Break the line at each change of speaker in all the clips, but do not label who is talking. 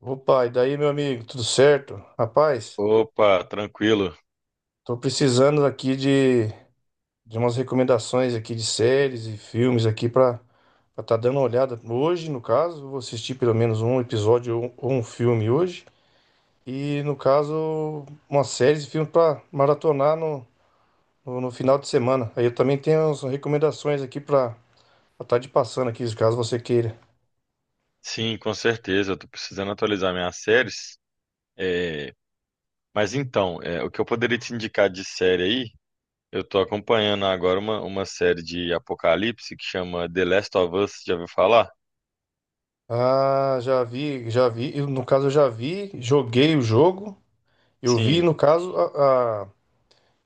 Opa, e daí, meu amigo, tudo certo? Rapaz,
Opa, tranquilo.
tô precisando aqui de umas recomendações aqui de séries e filmes aqui pra tá dando uma olhada. Hoje, no caso, eu vou assistir pelo menos um episódio ou um filme hoje. E, no caso, uma série e filme pra maratonar no final de semana. Aí eu também tenho umas recomendações aqui pra estar tá te passando aqui, caso você queira.
Sim, com certeza. Eu tô precisando atualizar minhas séries. É, Mas então, o que eu poderia te indicar de série aí? Eu tô acompanhando agora uma série de Apocalipse que chama The Last of Us. Já ouviu falar?
Ah, já vi, já vi. Eu, No caso, eu já vi, joguei o jogo. Eu vi,
Sim,
no caso, a, a-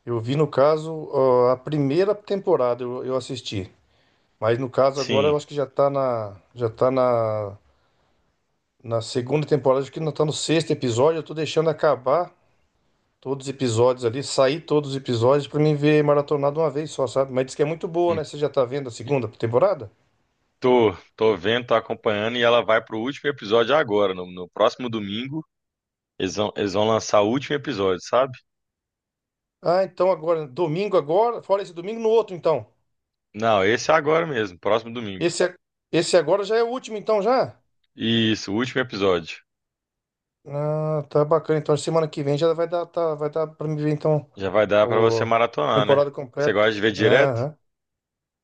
Eu vi, no caso, ó, a primeira temporada eu assisti. Mas no caso agora eu
sim.
acho que Já tá na segunda temporada, acho que não tá no sexto episódio. Eu tô deixando acabar todos os episódios ali, sair todos os episódios pra mim ver maratonado de uma vez só, sabe? Mas diz que é muito boa,
Hum,
né? Você já tá vendo a segunda temporada?
tô vendo, tô acompanhando e ela vai pro último episódio agora. No próximo domingo, eles vão lançar o último episódio, sabe?
Ah, então agora, domingo agora, fora esse domingo, no outro então.
Não, esse é agora mesmo, próximo domingo.
Esse, é- esse agora já é o último então já?
Isso, o último episódio.
Ah, tá bacana. Então, semana que vem já vai dar, tá, vai dar pra me ver, então,
Já vai dar pra você
o
maratonar, né?
temporada
Você
completa.
gosta de ver
Né?
direto?
Aham.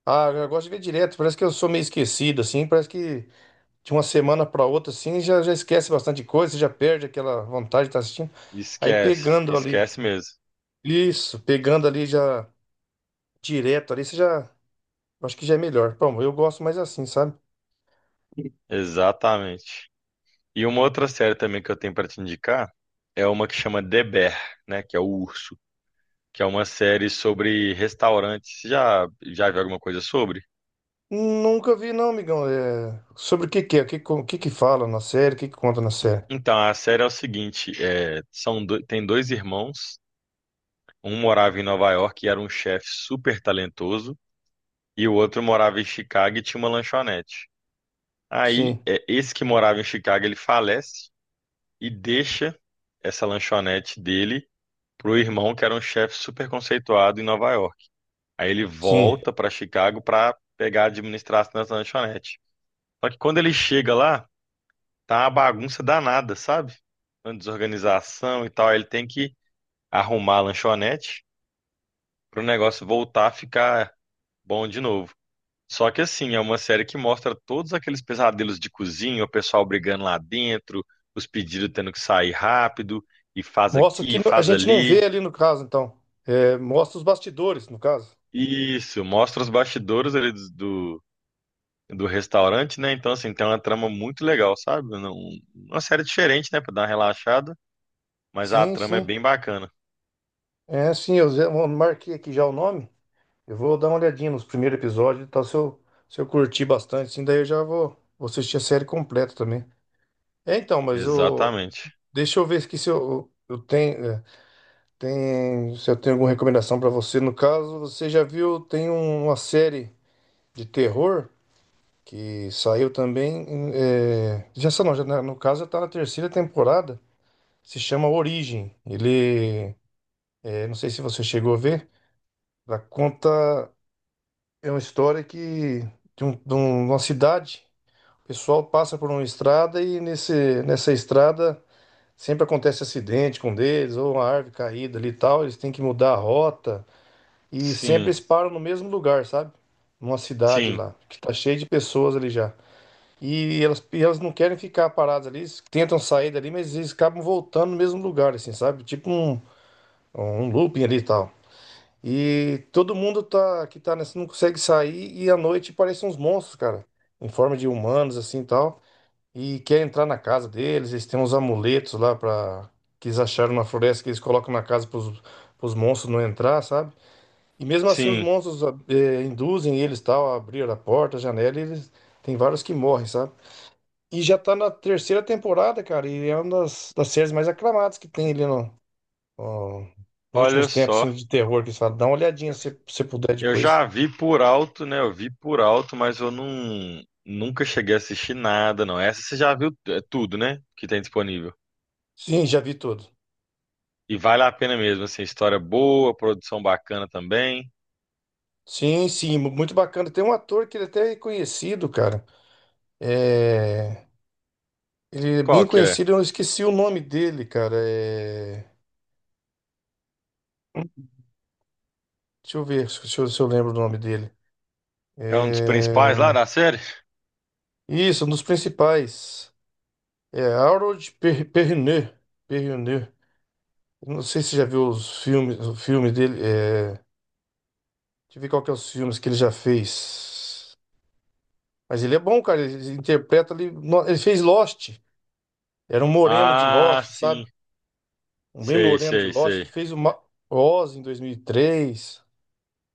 Ah, eu gosto de ver direto. Parece que eu sou meio esquecido, assim. Parece que de uma semana pra outra, assim, já esquece bastante coisa, já perde aquela vontade de estar assistindo. Aí
Esquece,
pegando ali,
esquece mesmo.
isso, pegando ali já direto ali, você já, acho que já é melhor. Bom, eu gosto mais assim, sabe?
Exatamente. E uma outra série também que eu tenho pra te indicar é uma que chama The Bear, né? Que é o urso, que é uma série sobre restaurantes. Você já viu alguma coisa sobre?
Nunca vi, não, amigão. Sobre o que que é? O que que fala na série? O que que conta na série?
Então a série é o seguinte: é, são tem dois irmãos. Um morava em Nova York e era um chefe super talentoso, e o outro morava em Chicago e tinha uma lanchonete. Aí,
Sim,
é, esse que morava em Chicago, ele falece e deixa essa lanchonete dele pro irmão, que era um chefe super conceituado em Nova York. Aí ele
sim.
volta para Chicago para pegar a administração das lanchonetes. Só que quando ele chega lá, tá uma bagunça danada, sabe? Uma desorganização e tal. Aí ele tem que arrumar a lanchonete pro negócio voltar a ficar bom de novo. Só que assim, é uma série que mostra todos aqueles pesadelos de cozinha, o pessoal brigando lá dentro, os pedidos tendo que sair rápido, e faz
Mostra o
aqui,
que
e
a
faz
gente não
ali.
vê ali no caso, então. É, mostra os bastidores, no caso.
Isso, mostra os bastidores ali do restaurante, né? Então, assim, tem uma trama muito legal, sabe? Uma série diferente, né? Pra dar uma relaxada, mas a
Sim,
trama é
sim.
bem bacana.
É, sim, eu marquei aqui já o nome. Eu vou dar uma olhadinha nos primeiros episódios e tal, se eu curtir bastante, sim, daí vou assistir a série completa também. É, então, mas
Exatamente.
Deixa eu ver aqui se eu tenho, se eu tenho alguma recomendação pra você. No caso, você já viu, tem uma série de terror que saiu também. É, já sei não, no caso já tá na terceira temporada. Se chama Origem. Não sei se você chegou a ver, ela conta é uma história que de uma cidade, o pessoal passa por uma estrada e nessa estrada sempre acontece acidente com um deles, ou uma árvore caída ali e tal, eles têm que mudar a rota e sempre
Sim,
eles param no mesmo lugar, sabe? Numa cidade
sim,
lá, que tá cheia de pessoas ali já. E elas não querem ficar paradas ali, eles tentam sair dali, mas eles acabam voltando no mesmo lugar, assim, sabe? Um looping ali e tal. E todo mundo tá que tá nessa não consegue sair e à noite parecem uns monstros, cara, em forma de humanos assim e tal, e quer entrar na casa deles, eles têm uns amuletos lá para que eles acharam na floresta que eles colocam na casa pros os monstros não entrar, sabe? E mesmo assim os
sim.
monstros induzem eles tal a abrir a porta, a janela, e eles tem vários que morrem, sabe? E já tá na terceira temporada, cara, e é uma das séries mais aclamadas que tem ali ó, os últimos
Olha
tempos assim,
só.
de terror que eles falam. Dá uma olhadinha se você puder
Eu
depois.
já vi por alto, né? Eu vi por alto, mas eu não, nunca cheguei a assistir nada, não. Essa você já viu é, tudo, né? Que tem disponível.
Sim, já vi tudo.
E vale a pena mesmo, assim, história boa, produção bacana também.
Sim, sim, muito bacana. Tem um ator que ele até é conhecido, cara. É... Ele é
Qual
bem
que é?
conhecido, eu esqueci o nome dele, cara. Deixa eu ver se eu lembro o nome dele.
É um dos principais lá
É...
da série?
Isso, um dos principais. É Perrineau. Perrineau. Não sei se você já viu os filmes, o filme dele. Deixa eu ver qual que é os filmes que ele já fez. Mas ele é bom, cara. Ele interpreta ali. No- Ele fez Lost. Era um moreno de
Ah,
Lost, sabe?
sim.
Um bem
Sei,
moreno de
sei,
Lost.
sei.
Ele fez o Ma- Oz em 2003.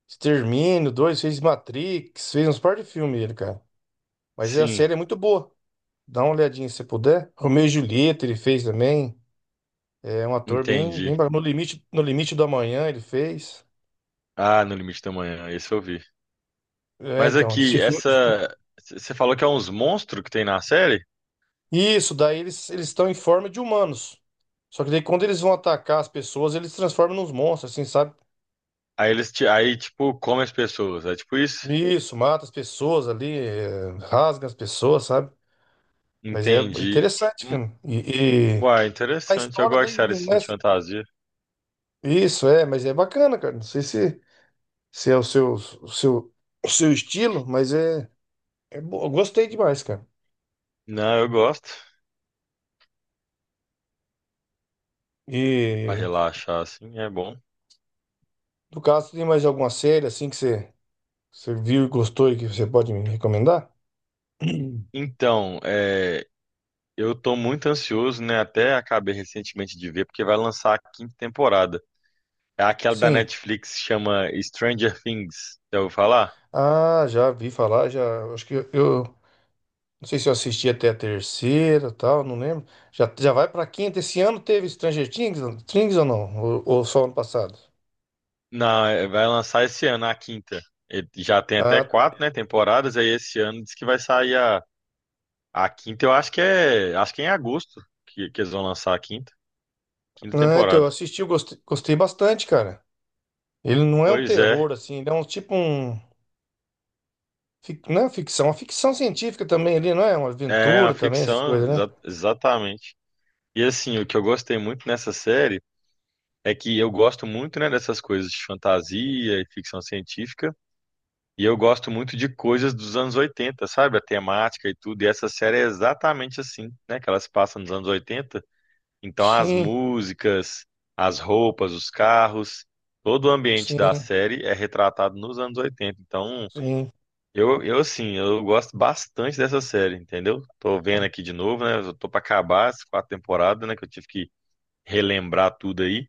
Extermínio dois. Fez Matrix. Fez uns par de filme ele, cara. Mas a
Sim,
série é muito boa. Dá uma olhadinha se você puder. Romeu e Julieta ele fez também. É um ator bem
entendi.
bacana. No limite do amanhã ele fez.
Ah, No Limite da Manhã, esse eu vi.
É,
Mas
então.
aqui, essa. Você falou que é uns monstros que tem na série?
Isso, daí eles estão em forma de humanos. Só que daí quando eles vão atacar as pessoas, eles se transformam nos monstros, assim, sabe?
Aí eles te... aí, tipo, comem as pessoas. É tipo isso?
Isso, mata as pessoas ali, rasga as pessoas, sabe? Mas é
Entendi.
interessante o
Hum,
filme. E
Uai,
a
interessante. Eu
história
gosto de
dele.
série
Não é-
assim de fantasia.
Isso, é, mas é bacana, cara. Não sei se, se é o seu estilo, mas eu gostei demais, cara.
Não, eu gosto. Pra
E
relaxar, assim, é bom.
no caso, tem mais alguma série assim você viu e gostou e que você pode me recomendar?
Então, é. Eu tô muito ansioso, né? Até acabei recentemente de ver, porque vai lançar a quinta temporada. É aquela da
Sim.
Netflix chama Stranger Things. Já ouviu falar?
Ah, já vi falar, já. Acho que eu. Não sei se eu assisti até a terceira, tal, não lembro. Já vai pra quinta. Esse ano teve Things ou não? Ou só ano passado?
Não, vai lançar esse ano a quinta. Ele já tem até
Ah,
quatro, né, temporadas. Aí esse ano diz que vai sair a quinta. Eu acho acho que é em agosto que eles vão lançar a quinta, quinta
então eu
temporada.
assisti, eu gostei, gostei bastante, cara. Ele não é um
Pois é,
terror, assim, ele é Não é ficção, é uma ficção científica também ali, não é? Uma
é uma
aventura também, essas
ficção,
coisas, né?
exatamente. E assim, o que eu gostei muito nessa série é que eu gosto muito, né, dessas coisas de fantasia e ficção científica. E eu gosto muito de coisas dos anos 80, sabe? A temática e tudo. E essa série é exatamente assim, né? Que elas passam nos anos 80. Então, as
Sim,
músicas, as roupas, os carros, todo o ambiente da
sim,
série é retratado nos anos 80. Então,
sim.
eu gosto bastante dessa série, entendeu? Tô vendo aqui de novo, né? Eu tô pra acabar as quatro temporadas, né? Que eu tive que relembrar tudo aí.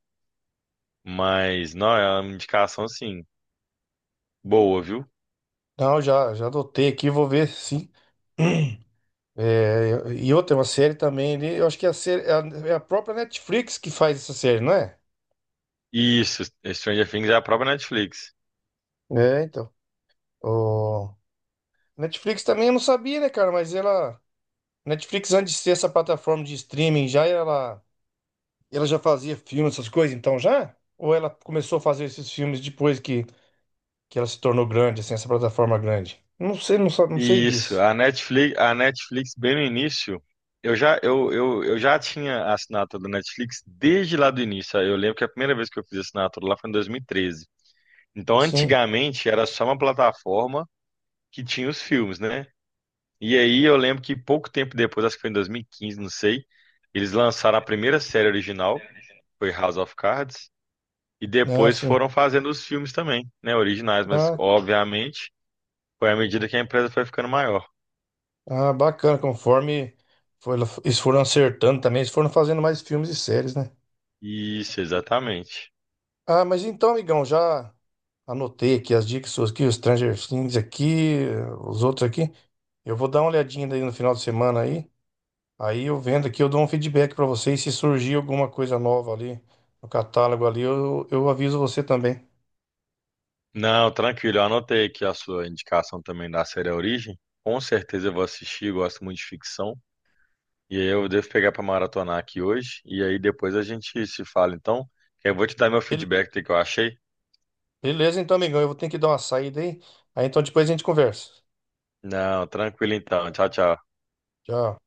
Mas, não, é uma indicação, assim, boa, viu?
Não, já adotei aqui, vou ver, sim. É, e outra, é uma série também ali, eu acho que é a, série, é a é a própria Netflix que faz essa série, não é?
Isso, Stranger Things é a própria Netflix.
É, então. O Netflix também eu não sabia, né, cara? Mas ela. Netflix, antes de ser essa plataforma de streaming, ela já fazia filmes, essas coisas, então já? Ou ela começou a fazer esses filmes depois que ela se tornou grande, assim, essa plataforma grande? Não sei, não, não sei
Isso,
disso.
a Netflix bem no início, eu já tinha a assinatura da Netflix desde lá do início. Eu lembro que a primeira vez que eu fiz assinatura lá foi em 2013. Então,
Sim.
antigamente, era só uma plataforma que tinha os filmes, né? E aí eu lembro que pouco tempo depois, acho que foi em 2015, não sei, eles lançaram a primeira série original, foi House of Cards, e
Ah,
depois
sim.
foram fazendo os filmes também, né, originais, mas
Ah,
obviamente foi à medida que a empresa foi ficando maior.
bacana, conforme foi, eles foram acertando também, eles foram fazendo mais filmes e séries, né?
Isso, exatamente.
Ah, mas então, amigão, já anotei aqui as dicas suas aqui, os Stranger Things aqui, os outros aqui. Eu vou dar uma olhadinha daí no final de semana aí. Aí eu vendo aqui, eu dou um feedback pra vocês. Se surgir alguma coisa nova ali no catálogo ali, eu aviso você também.
Não, tranquilo. Eu anotei aqui a sua indicação também da série A Origem. Com certeza eu vou assistir, gosto muito de ficção. E aí eu devo pegar para maratonar aqui hoje. E aí depois a gente se fala, então. Eu vou te dar meu
Bel-
feedback do que eu achei.
Beleza, então, amigão. Eu vou ter que dar uma saída aí. Aí então depois a gente conversa.
Não, tranquilo então. Tchau, tchau.
Tchau.